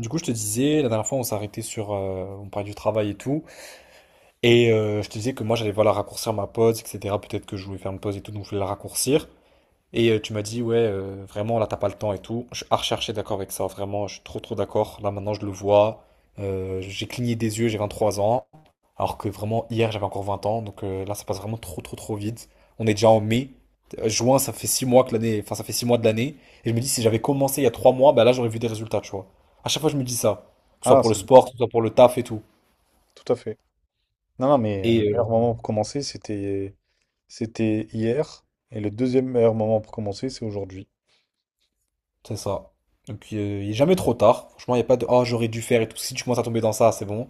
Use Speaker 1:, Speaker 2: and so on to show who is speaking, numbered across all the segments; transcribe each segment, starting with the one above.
Speaker 1: Du coup, je te disais, la dernière fois, on s'est arrêté sur, on parlait du travail et tout, et je te disais que moi, j'allais voilà raccourcir ma pause, etc. Peut-être que je voulais faire une pause et tout, donc je voulais la raccourcir. Et tu m'as dit, ouais, vraiment, là, t'as pas le temps et tout. Je suis à rechercher d'accord avec ça, vraiment, je suis trop, trop d'accord. Là, maintenant, je le vois. J'ai cligné des yeux, j'ai 23 ans. Alors que vraiment, hier, j'avais encore 20 ans. Donc là, ça passe vraiment trop, trop, trop vite. On est déjà en mai. Juin, ça fait 6 mois que l'année. Enfin, ça fait 6 mois de l'année. Et je me dis, si j'avais commencé il y a 3 mois, bah là, j'aurais vu des résultats, tu vois. À chaque fois, je me dis ça. Que ce soit
Speaker 2: Ah,
Speaker 1: pour le
Speaker 2: Bon.
Speaker 1: sport, que ce soit pour le taf et tout.
Speaker 2: Tout à fait. Non, non, mais le
Speaker 1: Et
Speaker 2: meilleur moment pour commencer, c'était hier. Et le deuxième meilleur moment pour commencer, c'est aujourd'hui.
Speaker 1: c'est ça. Donc, il n'est jamais trop tard. Franchement, il n'y a pas de oh, j'aurais dû faire et tout. Si tu commences à tomber dans ça, c'est bon.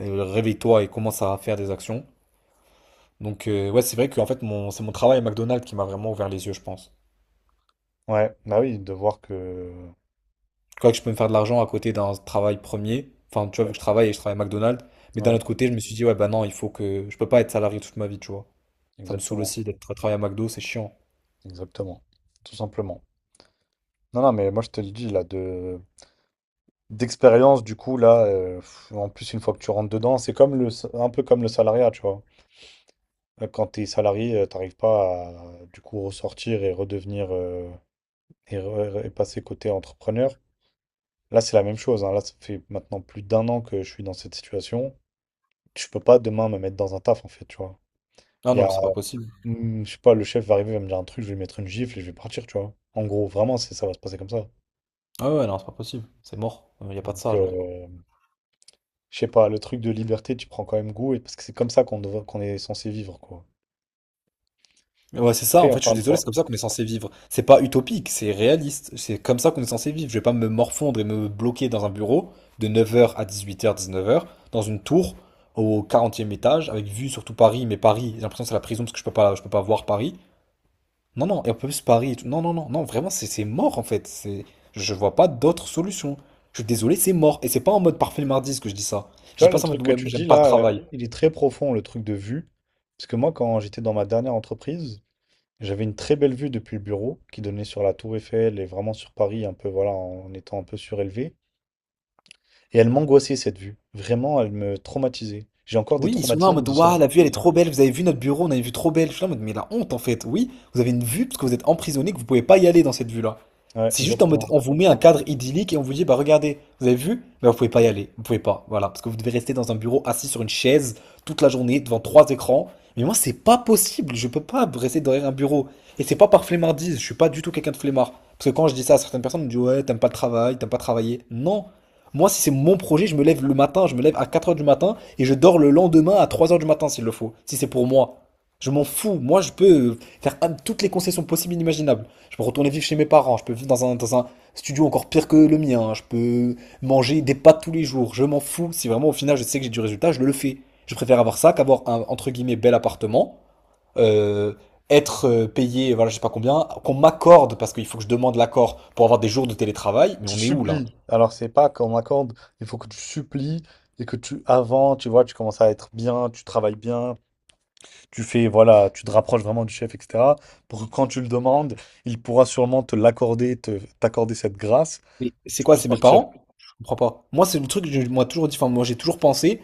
Speaker 1: Réveille-toi et commence à faire des actions. Donc, ouais, c'est vrai que en fait, mon... c'est mon travail à McDonald's qui m'a vraiment ouvert les yeux, je pense.
Speaker 2: Ouais, bah oui, de voir que.
Speaker 1: Je crois que je peux me faire de l'argent à côté d'un travail premier. Enfin, tu vois, vu
Speaker 2: Ouais,
Speaker 1: que je travaille et je travaille à McDonald's. Mais d'un
Speaker 2: ouais,
Speaker 1: autre côté, je me suis dit, ouais, bah non, il faut que. Je peux pas être salarié toute ma vie, tu vois. Ça me saoule
Speaker 2: exactement.
Speaker 1: aussi d'être à travailler à McDo, c'est chiant.
Speaker 2: Exactement. Tout simplement. Non, non, mais moi, je te le dis, là, de d'expérience, du coup, là, en plus, une fois que tu rentres dedans, c'est un peu comme le salariat, tu vois. Quand t'es salarié, t'arrives pas à, du coup, ressortir et redevenir. Et passer côté entrepreneur. Là, c'est la même chose, hein. Là, ça fait maintenant plus d'un an que je suis dans cette situation. Je peux pas demain me mettre dans un taf, en fait, tu vois.
Speaker 1: Ah
Speaker 2: Il y
Speaker 1: non, mais
Speaker 2: a,
Speaker 1: c'est pas possible.
Speaker 2: Je sais pas, le chef va arriver, il va me dire un truc, je vais lui mettre une gifle et je vais partir, tu vois. En gros, vraiment, ça va se passer comme ça.
Speaker 1: Ah ouais, non, c'est pas possible. C'est mort. Il y a pas de
Speaker 2: Donc,
Speaker 1: ça, genre.
Speaker 2: je sais pas, le truc de liberté, tu prends quand même goût, parce que c'est comme ça qu'on est censé vivre, quoi.
Speaker 1: Mais ouais, c'est ça, en
Speaker 2: Après,
Speaker 1: fait, je
Speaker 2: encore
Speaker 1: suis
Speaker 2: une
Speaker 1: désolé,
Speaker 2: fois.
Speaker 1: c'est comme ça qu'on est censé vivre. C'est pas utopique, c'est réaliste. C'est comme ça qu'on est censé vivre. Je vais pas me morfondre et me bloquer dans un bureau de 9 heures à 18 h, 19 heures, dans une tour au 40e étage, avec vue sur tout Paris, mais Paris, j'ai l'impression que c'est la prison parce que je peux pas voir Paris. Non, non, et en plus Paris et tout. Non, non, non, non, vraiment, c'est mort en fait. C'est, je vois pas d'autre solution. Je suis désolé, c'est mort. Et c'est pas en mode parfait le mardi ce que je dis ça. Je
Speaker 2: Tu
Speaker 1: dis
Speaker 2: vois,
Speaker 1: pas
Speaker 2: le
Speaker 1: ça en
Speaker 2: truc
Speaker 1: mode,
Speaker 2: que
Speaker 1: ouais, moi
Speaker 2: tu
Speaker 1: j'aime
Speaker 2: dis
Speaker 1: pas le
Speaker 2: là,
Speaker 1: travail.
Speaker 2: il est très profond, le truc de vue. Parce que moi, quand j'étais dans ma dernière entreprise, j'avais une très belle vue depuis le bureau qui donnait sur la Tour Eiffel et vraiment sur Paris, un peu, voilà, en étant un peu surélevé. Et elle m'angoissait, cette vue. Vraiment, elle me traumatisait. J'ai encore des
Speaker 1: Oui, ils sont là en
Speaker 2: traumatismes
Speaker 1: mode
Speaker 2: de cette
Speaker 1: Waouh,
Speaker 2: vue.
Speaker 1: la vue elle est trop belle, vous avez vu notre bureau, on a une vue trop belle. Je suis là en mode Mais la honte en fait, oui, vous avez une vue parce que vous êtes emprisonné, que vous pouvez pas y aller dans cette vue-là.
Speaker 2: Ouais,
Speaker 1: C'est juste en mode
Speaker 2: exactement.
Speaker 1: On vous met un cadre idyllique et on vous dit Bah regardez, vous avez vu, mais vous pouvez pas y aller, vous pouvez pas, voilà, parce que vous devez rester dans un bureau assis sur une chaise toute la journée devant trois écrans. Mais moi, c'est pas possible, je peux pas rester derrière un bureau. Et c'est pas par flemmardise, je suis pas du tout quelqu'un de flemmard. Parce que quand je dis ça à certaines personnes, on me dit Ouais, t'aimes pas le travail, t'aimes pas travailler. Non, moi, si c'est mon projet, je me lève le matin, je me lève à 4 heures du matin et je dors le lendemain à 3 heures du matin s'il le faut, si c'est pour moi. Je m'en fous. Moi, je peux faire toutes les concessions possibles et inimaginables. Je peux retourner vivre chez mes parents, je peux vivre dans un studio encore pire que le mien, je peux manger des pâtes tous les jours. Je m'en fous. Si vraiment au final je sais que j'ai du résultat, je le fais. Je préfère avoir ça qu'avoir un entre guillemets bel appartement, euh, être payé, voilà, je sais pas combien, qu'on m'accorde parce qu'il faut que je demande l'accord pour avoir des jours de télétravail. Mais
Speaker 2: Tu
Speaker 1: on est où là?
Speaker 2: supplies. Alors, c'est pas qu'on m'accorde, il faut que tu supplies et que tu, avant, tu vois, tu commences à être bien, tu travailles bien, tu fais, voilà, tu te rapproches vraiment du chef, etc. Pour que quand tu le demandes, il pourra sûrement te l'accorder, t'accorder cette grâce,
Speaker 1: Mais c'est
Speaker 2: tu
Speaker 1: quoi,
Speaker 2: puisses
Speaker 1: c'est mes
Speaker 2: partir.
Speaker 1: parents? Je comprends pas. Moi, c'est le truc que moi toujours dit, enfin, moi j'ai toujours pensé,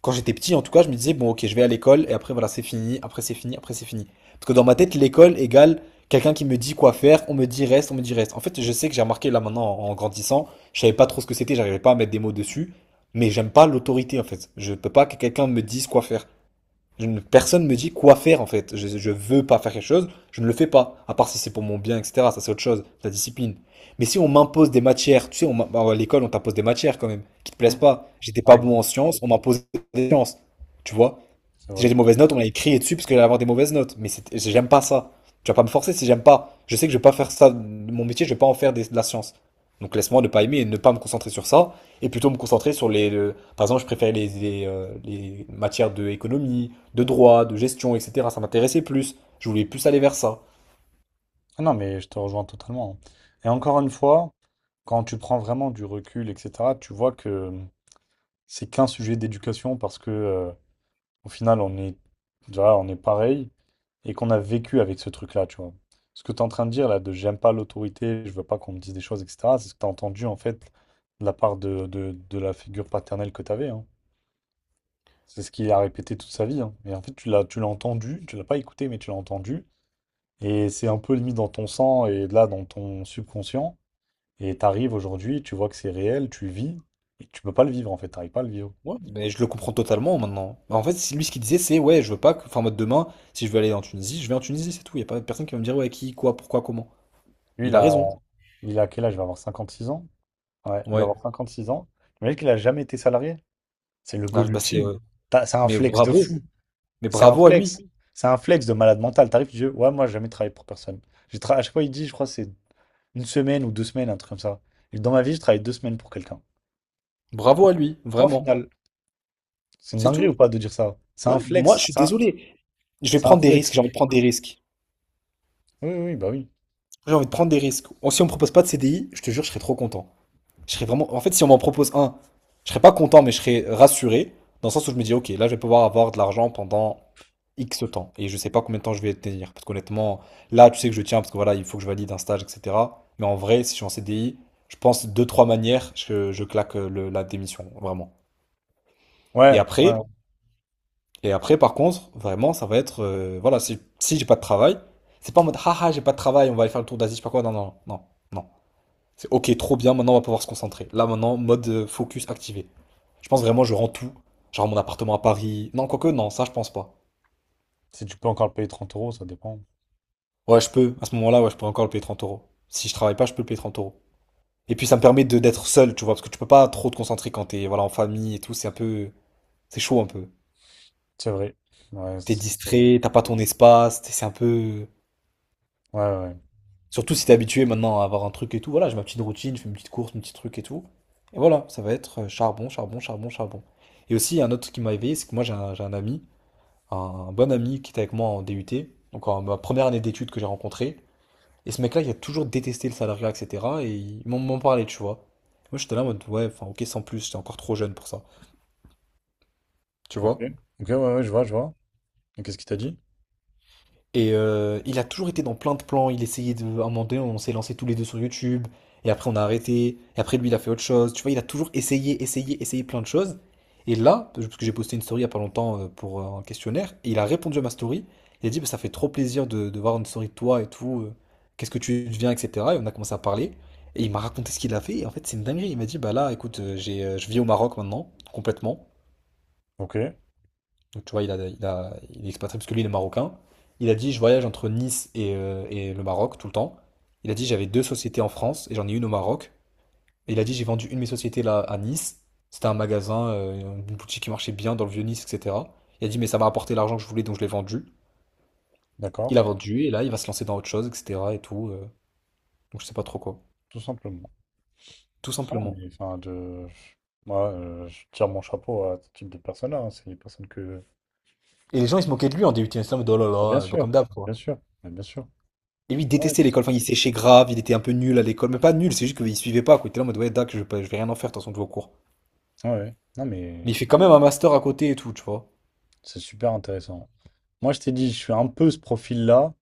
Speaker 1: quand j'étais petit en tout cas, je me disais, bon, ok, je vais à l'école et après, voilà, c'est fini, après, c'est fini, après, c'est fini. Parce que dans ma tête, l'école égale quelqu'un qui me dit quoi faire, on me dit reste, on me dit reste. En fait, je sais que j'ai remarqué là maintenant en grandissant, je savais pas trop ce que c'était, j'arrivais pas à mettre des mots dessus, mais j'aime pas l'autorité en fait. Je peux pas que quelqu'un me dise quoi faire. Je ne- personne me dit quoi faire en fait. Je veux pas faire quelque chose, je ne le fais pas. À part si c'est pour mon bien, etc. Ça c'est autre chose, la discipline. Mais si on m'impose des matières, tu sais, bah, à l'école on t'impose des matières quand même, qui te plaisent
Speaker 2: Mhm.
Speaker 1: pas. J'étais pas
Speaker 2: Ouais,
Speaker 1: bon
Speaker 2: grave.
Speaker 1: en sciences, on m'imposait des sciences. Tu vois?
Speaker 2: C'est
Speaker 1: Si j'ai
Speaker 2: vrai.
Speaker 1: des mauvaises notes, on allait crier dessus parce que j'allais avoir des mauvaises notes. Mais j'aime pas ça. Tu vas pas me forcer si j'aime pas. Je sais que je vais pas faire ça. Mon métier, je vais pas en faire de la science. Donc laisse-moi ne pas aimer et ne pas me concentrer sur ça. Et plutôt me concentrer sur les. Par exemple, je préférais les matières de économie, de droit, de gestion, etc. Ça m'intéressait plus. Je voulais plus aller vers ça.
Speaker 2: Ah non, mais je te rejoins totalement, hein. Et encore une fois, quand tu prends vraiment du recul, etc., tu vois que c'est qu'un sujet d'éducation parce que au final, tu on est pareil et qu'on a vécu avec ce truc-là, tu vois. Ce que tu es en train de dire là, de j'aime pas l'autorité, je veux pas qu'on me dise des choses, etc., c'est ce que tu as entendu en fait de la part de la figure paternelle que tu avais, hein. C'est ce qu'il a répété toute sa vie, hein. Et en fait, tu l'as entendu, tu l'as pas écouté, mais tu l'as entendu. Et c'est un peu limite dans ton sang et là dans ton subconscient. Et tu arrives aujourd'hui, tu vois que c'est réel, tu vis, et tu peux pas le vivre en fait, tu n'arrives pas à le vivre.
Speaker 1: Ouais, mais je le comprends totalement maintenant. En fait, c'est lui ce qu'il disait, c'est ouais, je veux pas que. Enfin, en mode demain, si je veux aller en Tunisie, je vais en Tunisie, c'est tout. Il y a pas personne qui va me dire ouais, qui, quoi, pourquoi, comment.
Speaker 2: Lui,
Speaker 1: Il
Speaker 2: il
Speaker 1: a
Speaker 2: a,
Speaker 1: raison.
Speaker 2: il a quel âge? Il va avoir 56 ans. Ouais, il va
Speaker 1: Ouais.
Speaker 2: avoir 56 ans. Imagine qu'il a jamais été salarié. C'est le
Speaker 1: Là,
Speaker 2: goal
Speaker 1: bah, c'est.
Speaker 2: ultime. C'est un
Speaker 1: Mais
Speaker 2: flex, oui, de
Speaker 1: bravo,
Speaker 2: fou.
Speaker 1: mais
Speaker 2: C'est un flex. C'est un flex de malade mental. T'arrives, tu dis, ouais, moi, j'ai jamais travaillé pour personne. À chaque fois, il dit, je crois, que c'est une semaine ou 2 semaines, un truc comme ça. Et dans ma vie, je travaille 2 semaines pour quelqu'un.
Speaker 1: bravo à lui,
Speaker 2: Point
Speaker 1: vraiment.
Speaker 2: final. C'est une
Speaker 1: C'est
Speaker 2: dinguerie ou
Speaker 1: tout.
Speaker 2: pas de dire ça? C'est
Speaker 1: Ouais,
Speaker 2: un
Speaker 1: moi
Speaker 2: flex.
Speaker 1: je suis
Speaker 2: C'est un...
Speaker 1: désolé. Je vais
Speaker 2: c'est un
Speaker 1: prendre des risques, j'ai
Speaker 2: flex.
Speaker 1: envie de prendre des risques.
Speaker 2: Oui, oui, oui, bah oui.
Speaker 1: J'ai envie de prendre des risques. Oh, si on me propose pas de CDI, je te jure, je serais trop content. Je serais vraiment. En fait, si on m'en propose un, je serais pas content, mais je serais rassuré, dans le sens où je me dis, ok, là je vais pouvoir avoir de l'argent pendant X temps. Et je sais pas combien de temps je vais tenir. Parce qu'honnêtement, là tu sais que je tiens, parce que voilà, il faut que je valide un stage, etc. Mais en vrai, si je suis en CDI, je pense deux, trois manières, je claque la démission, vraiment. Et
Speaker 2: Ouais, ouais.
Speaker 1: après. Et après, par contre, vraiment, ça va être. Voilà, si j'ai pas de travail, c'est pas en mode haha, j'ai pas de travail, on va aller faire le tour d'Asie, je sais pas quoi. Non, non, non, non. C'est ok, trop bien, maintenant on va pouvoir se concentrer. Là, maintenant, mode focus activé. Je pense vraiment, je rends tout. Genre mon appartement à Paris. Non, quoique, non, ça, je pense pas.
Speaker 2: Si tu peux encore le payer trente euros, ça dépend.
Speaker 1: Ouais, je peux. À ce moment-là, ouais, je peux encore le payer 30 euros. Si je travaille pas, je peux le payer 30 euros. Et puis, ça me permet de d'être seul, tu vois, parce que tu peux pas trop te concentrer quand t'es voilà, en famille et tout. C'est un peu. C'est chaud un peu.
Speaker 2: C'est vrai. Ouais,
Speaker 1: T'es
Speaker 2: c'est vrai.
Speaker 1: distrait, t'as pas ton espace, c'est un peu.
Speaker 2: Ouais, ouais, ouais.
Speaker 1: Surtout si t'es habitué maintenant à avoir un truc et tout. Voilà, j'ai ma petite routine, je fais une petite course, mon petit truc et tout. Et voilà, ça va être charbon, charbon, charbon, charbon. Et aussi, il y a un autre truc qui m'a éveillé, c'est que moi j'ai un bon ami qui était avec moi en DUT, donc en ma première année d'études que j'ai rencontré. Et ce mec-là, il a toujours détesté le salariat, etc. Et il m'en parlait, tu vois. Moi j'étais là en mode, ouais, enfin ok, sans plus, j'étais encore trop jeune pour ça. Tu
Speaker 2: Ok,
Speaker 1: vois?
Speaker 2: ok, ouais, ouais, je vois, je vois. Et qu'est-ce qu'il t'a dit?
Speaker 1: Et il a toujours été dans plein de plans. Il essayait de. À un moment donné, on s'est lancé tous les deux sur YouTube. Et après, on a arrêté. Et après, lui, il a fait autre chose. Tu vois, il a toujours essayé, essayé, essayé plein de choses. Et là, parce que j'ai posté une story il y a pas longtemps pour un questionnaire, et il a répondu à ma story. Il a dit, Bah, ça fait trop plaisir de voir une story de toi et tout. Qu'est-ce que tu deviens, etc. Et on a commencé à parler. Et il m'a raconté ce qu'il a fait. Et en fait, c'est une dinguerie. Il m'a dit, bah là, écoute, je vis au Maroc maintenant, complètement.
Speaker 2: Ok,
Speaker 1: Donc tu vois, il est expatrié parce que lui, il est marocain. Il a dit, je voyage entre Nice et le Maroc tout le temps. Il a dit, j'avais deux sociétés en France et j'en ai une au Maroc. Et il a dit, j'ai vendu une de mes sociétés là à Nice. C'était un magasin, une boutique qui marchait bien dans le vieux Nice, etc. Il a dit, mais ça m'a rapporté l'argent que je voulais, donc je l'ai vendu. Il
Speaker 2: d'accord,
Speaker 1: a vendu et là, il va se lancer dans autre chose, etc. Et tout. Donc je sais pas trop quoi.
Speaker 2: tout simplement.
Speaker 1: Tout
Speaker 2: Ah,
Speaker 1: simplement.
Speaker 2: mais enfin, moi, je tire mon chapeau à ce type de personnes-là, hein. C'est des personnes que.
Speaker 1: Et les gens, ils se moquaient de lui en DUT. Ils étaient en mode, oh là
Speaker 2: Ah,
Speaker 1: là, bah, comme d'hab, quoi.
Speaker 2: bien sûr, mais bien sûr.
Speaker 1: Et lui, il
Speaker 2: Ah, ouais,
Speaker 1: détestait
Speaker 2: tout à
Speaker 1: l'école. Enfin, il séchait grave, il était un peu nul à l'école. Mais pas nul, c'est juste qu'il suivait pas, quoi. Il était là en mode, ouais, dac, je vais rien en faire, de toute façon, je vais au cours.
Speaker 2: fait, ouais, ouais. Non,
Speaker 1: Mais il
Speaker 2: mais
Speaker 1: fait quand même un master à côté et tout, tu vois.
Speaker 2: c'est super intéressant. Moi, je t'ai dit, je suis un peu ce profil-là,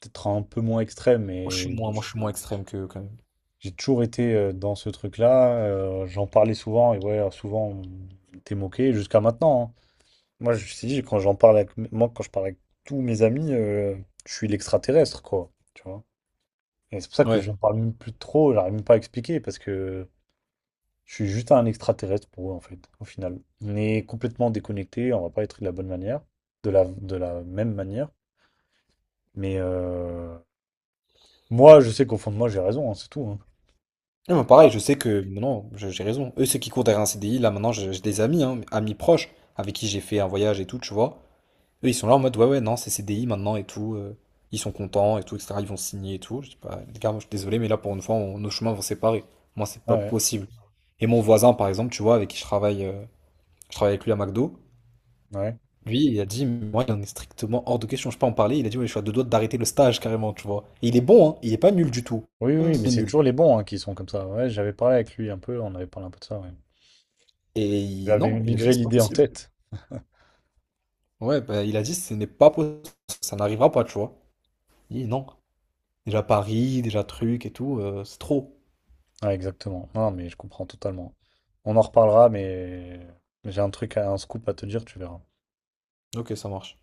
Speaker 2: peut-être un peu moins extrême,
Speaker 1: Moi, je suis
Speaker 2: mais
Speaker 1: moins, moi, je suis moins extrême que quand même.
Speaker 2: j'ai toujours été dans ce truc-là. J'en parlais souvent et ouais, souvent on était moqué jusqu'à maintenant, hein. Moi, je me suis quand j'en parle avec, moi, quand je parle avec tous mes amis, je suis l'extraterrestre, quoi. Tu vois? Et c'est pour ça que
Speaker 1: Ouais.
Speaker 2: j'en parle même plus trop. J'arrive même pas à expliquer parce que je suis juste un extraterrestre pour eux, en fait, au final. On est complètement déconnecté. On va pas être de la bonne manière, de la même manière. Mais moi, je sais qu'au fond de moi, j'ai raison, hein, c'est tout, hein.
Speaker 1: Non, mais pareil, je sais que, non, j'ai raison. Eux, ceux qui courent derrière un CDI, là, maintenant, j'ai des amis, hein, amis proches, avec qui j'ai fait un voyage et tout, tu vois. Eux, ils sont là en mode, ouais, ouais, non, c'est CDI maintenant et tout. Ils sont contents et tout, etc. Ils vont signer et tout. Je dis pas, les gars, moi, je suis désolé, mais là, pour une fois, nos chemins vont séparer. Moi, c'est
Speaker 2: Ah,
Speaker 1: pas
Speaker 2: ouais,
Speaker 1: possible. Et mon voisin, par exemple, tu vois, avec qui je travaille. Je travaille avec lui à McDo.
Speaker 2: ouais.
Speaker 1: Lui, il a dit, moi, il en est strictement hors de question, je peux pas en parler. Il a dit, ouais, je suis à deux doigts d'arrêter le stage carrément, tu vois. Et il est bon, hein, il est pas nul du tout.
Speaker 2: Oui, oui, mais
Speaker 1: C'est
Speaker 2: c'est
Speaker 1: nul.
Speaker 2: toujours les bons hein, qui sont comme ça. Ouais, j'avais parlé avec lui un peu, on avait parlé un peu de ça, ouais.
Speaker 1: Et
Speaker 2: Je lui avais
Speaker 1: non, il a
Speaker 2: migré
Speaker 1: dit, c'est pas
Speaker 2: l'idée en
Speaker 1: possible.
Speaker 2: tête.
Speaker 1: Ouais, bah, il a dit, ce n'est pas possible, ça n'arrivera pas, tu vois. Il dit, non. Déjà Paris, déjà truc et tout, c'est trop.
Speaker 2: Ouais, exactement. Non, mais je comprends totalement. On en reparlera, mais j'ai un truc, un scoop à te dire, tu verras.
Speaker 1: Ok, ça marche.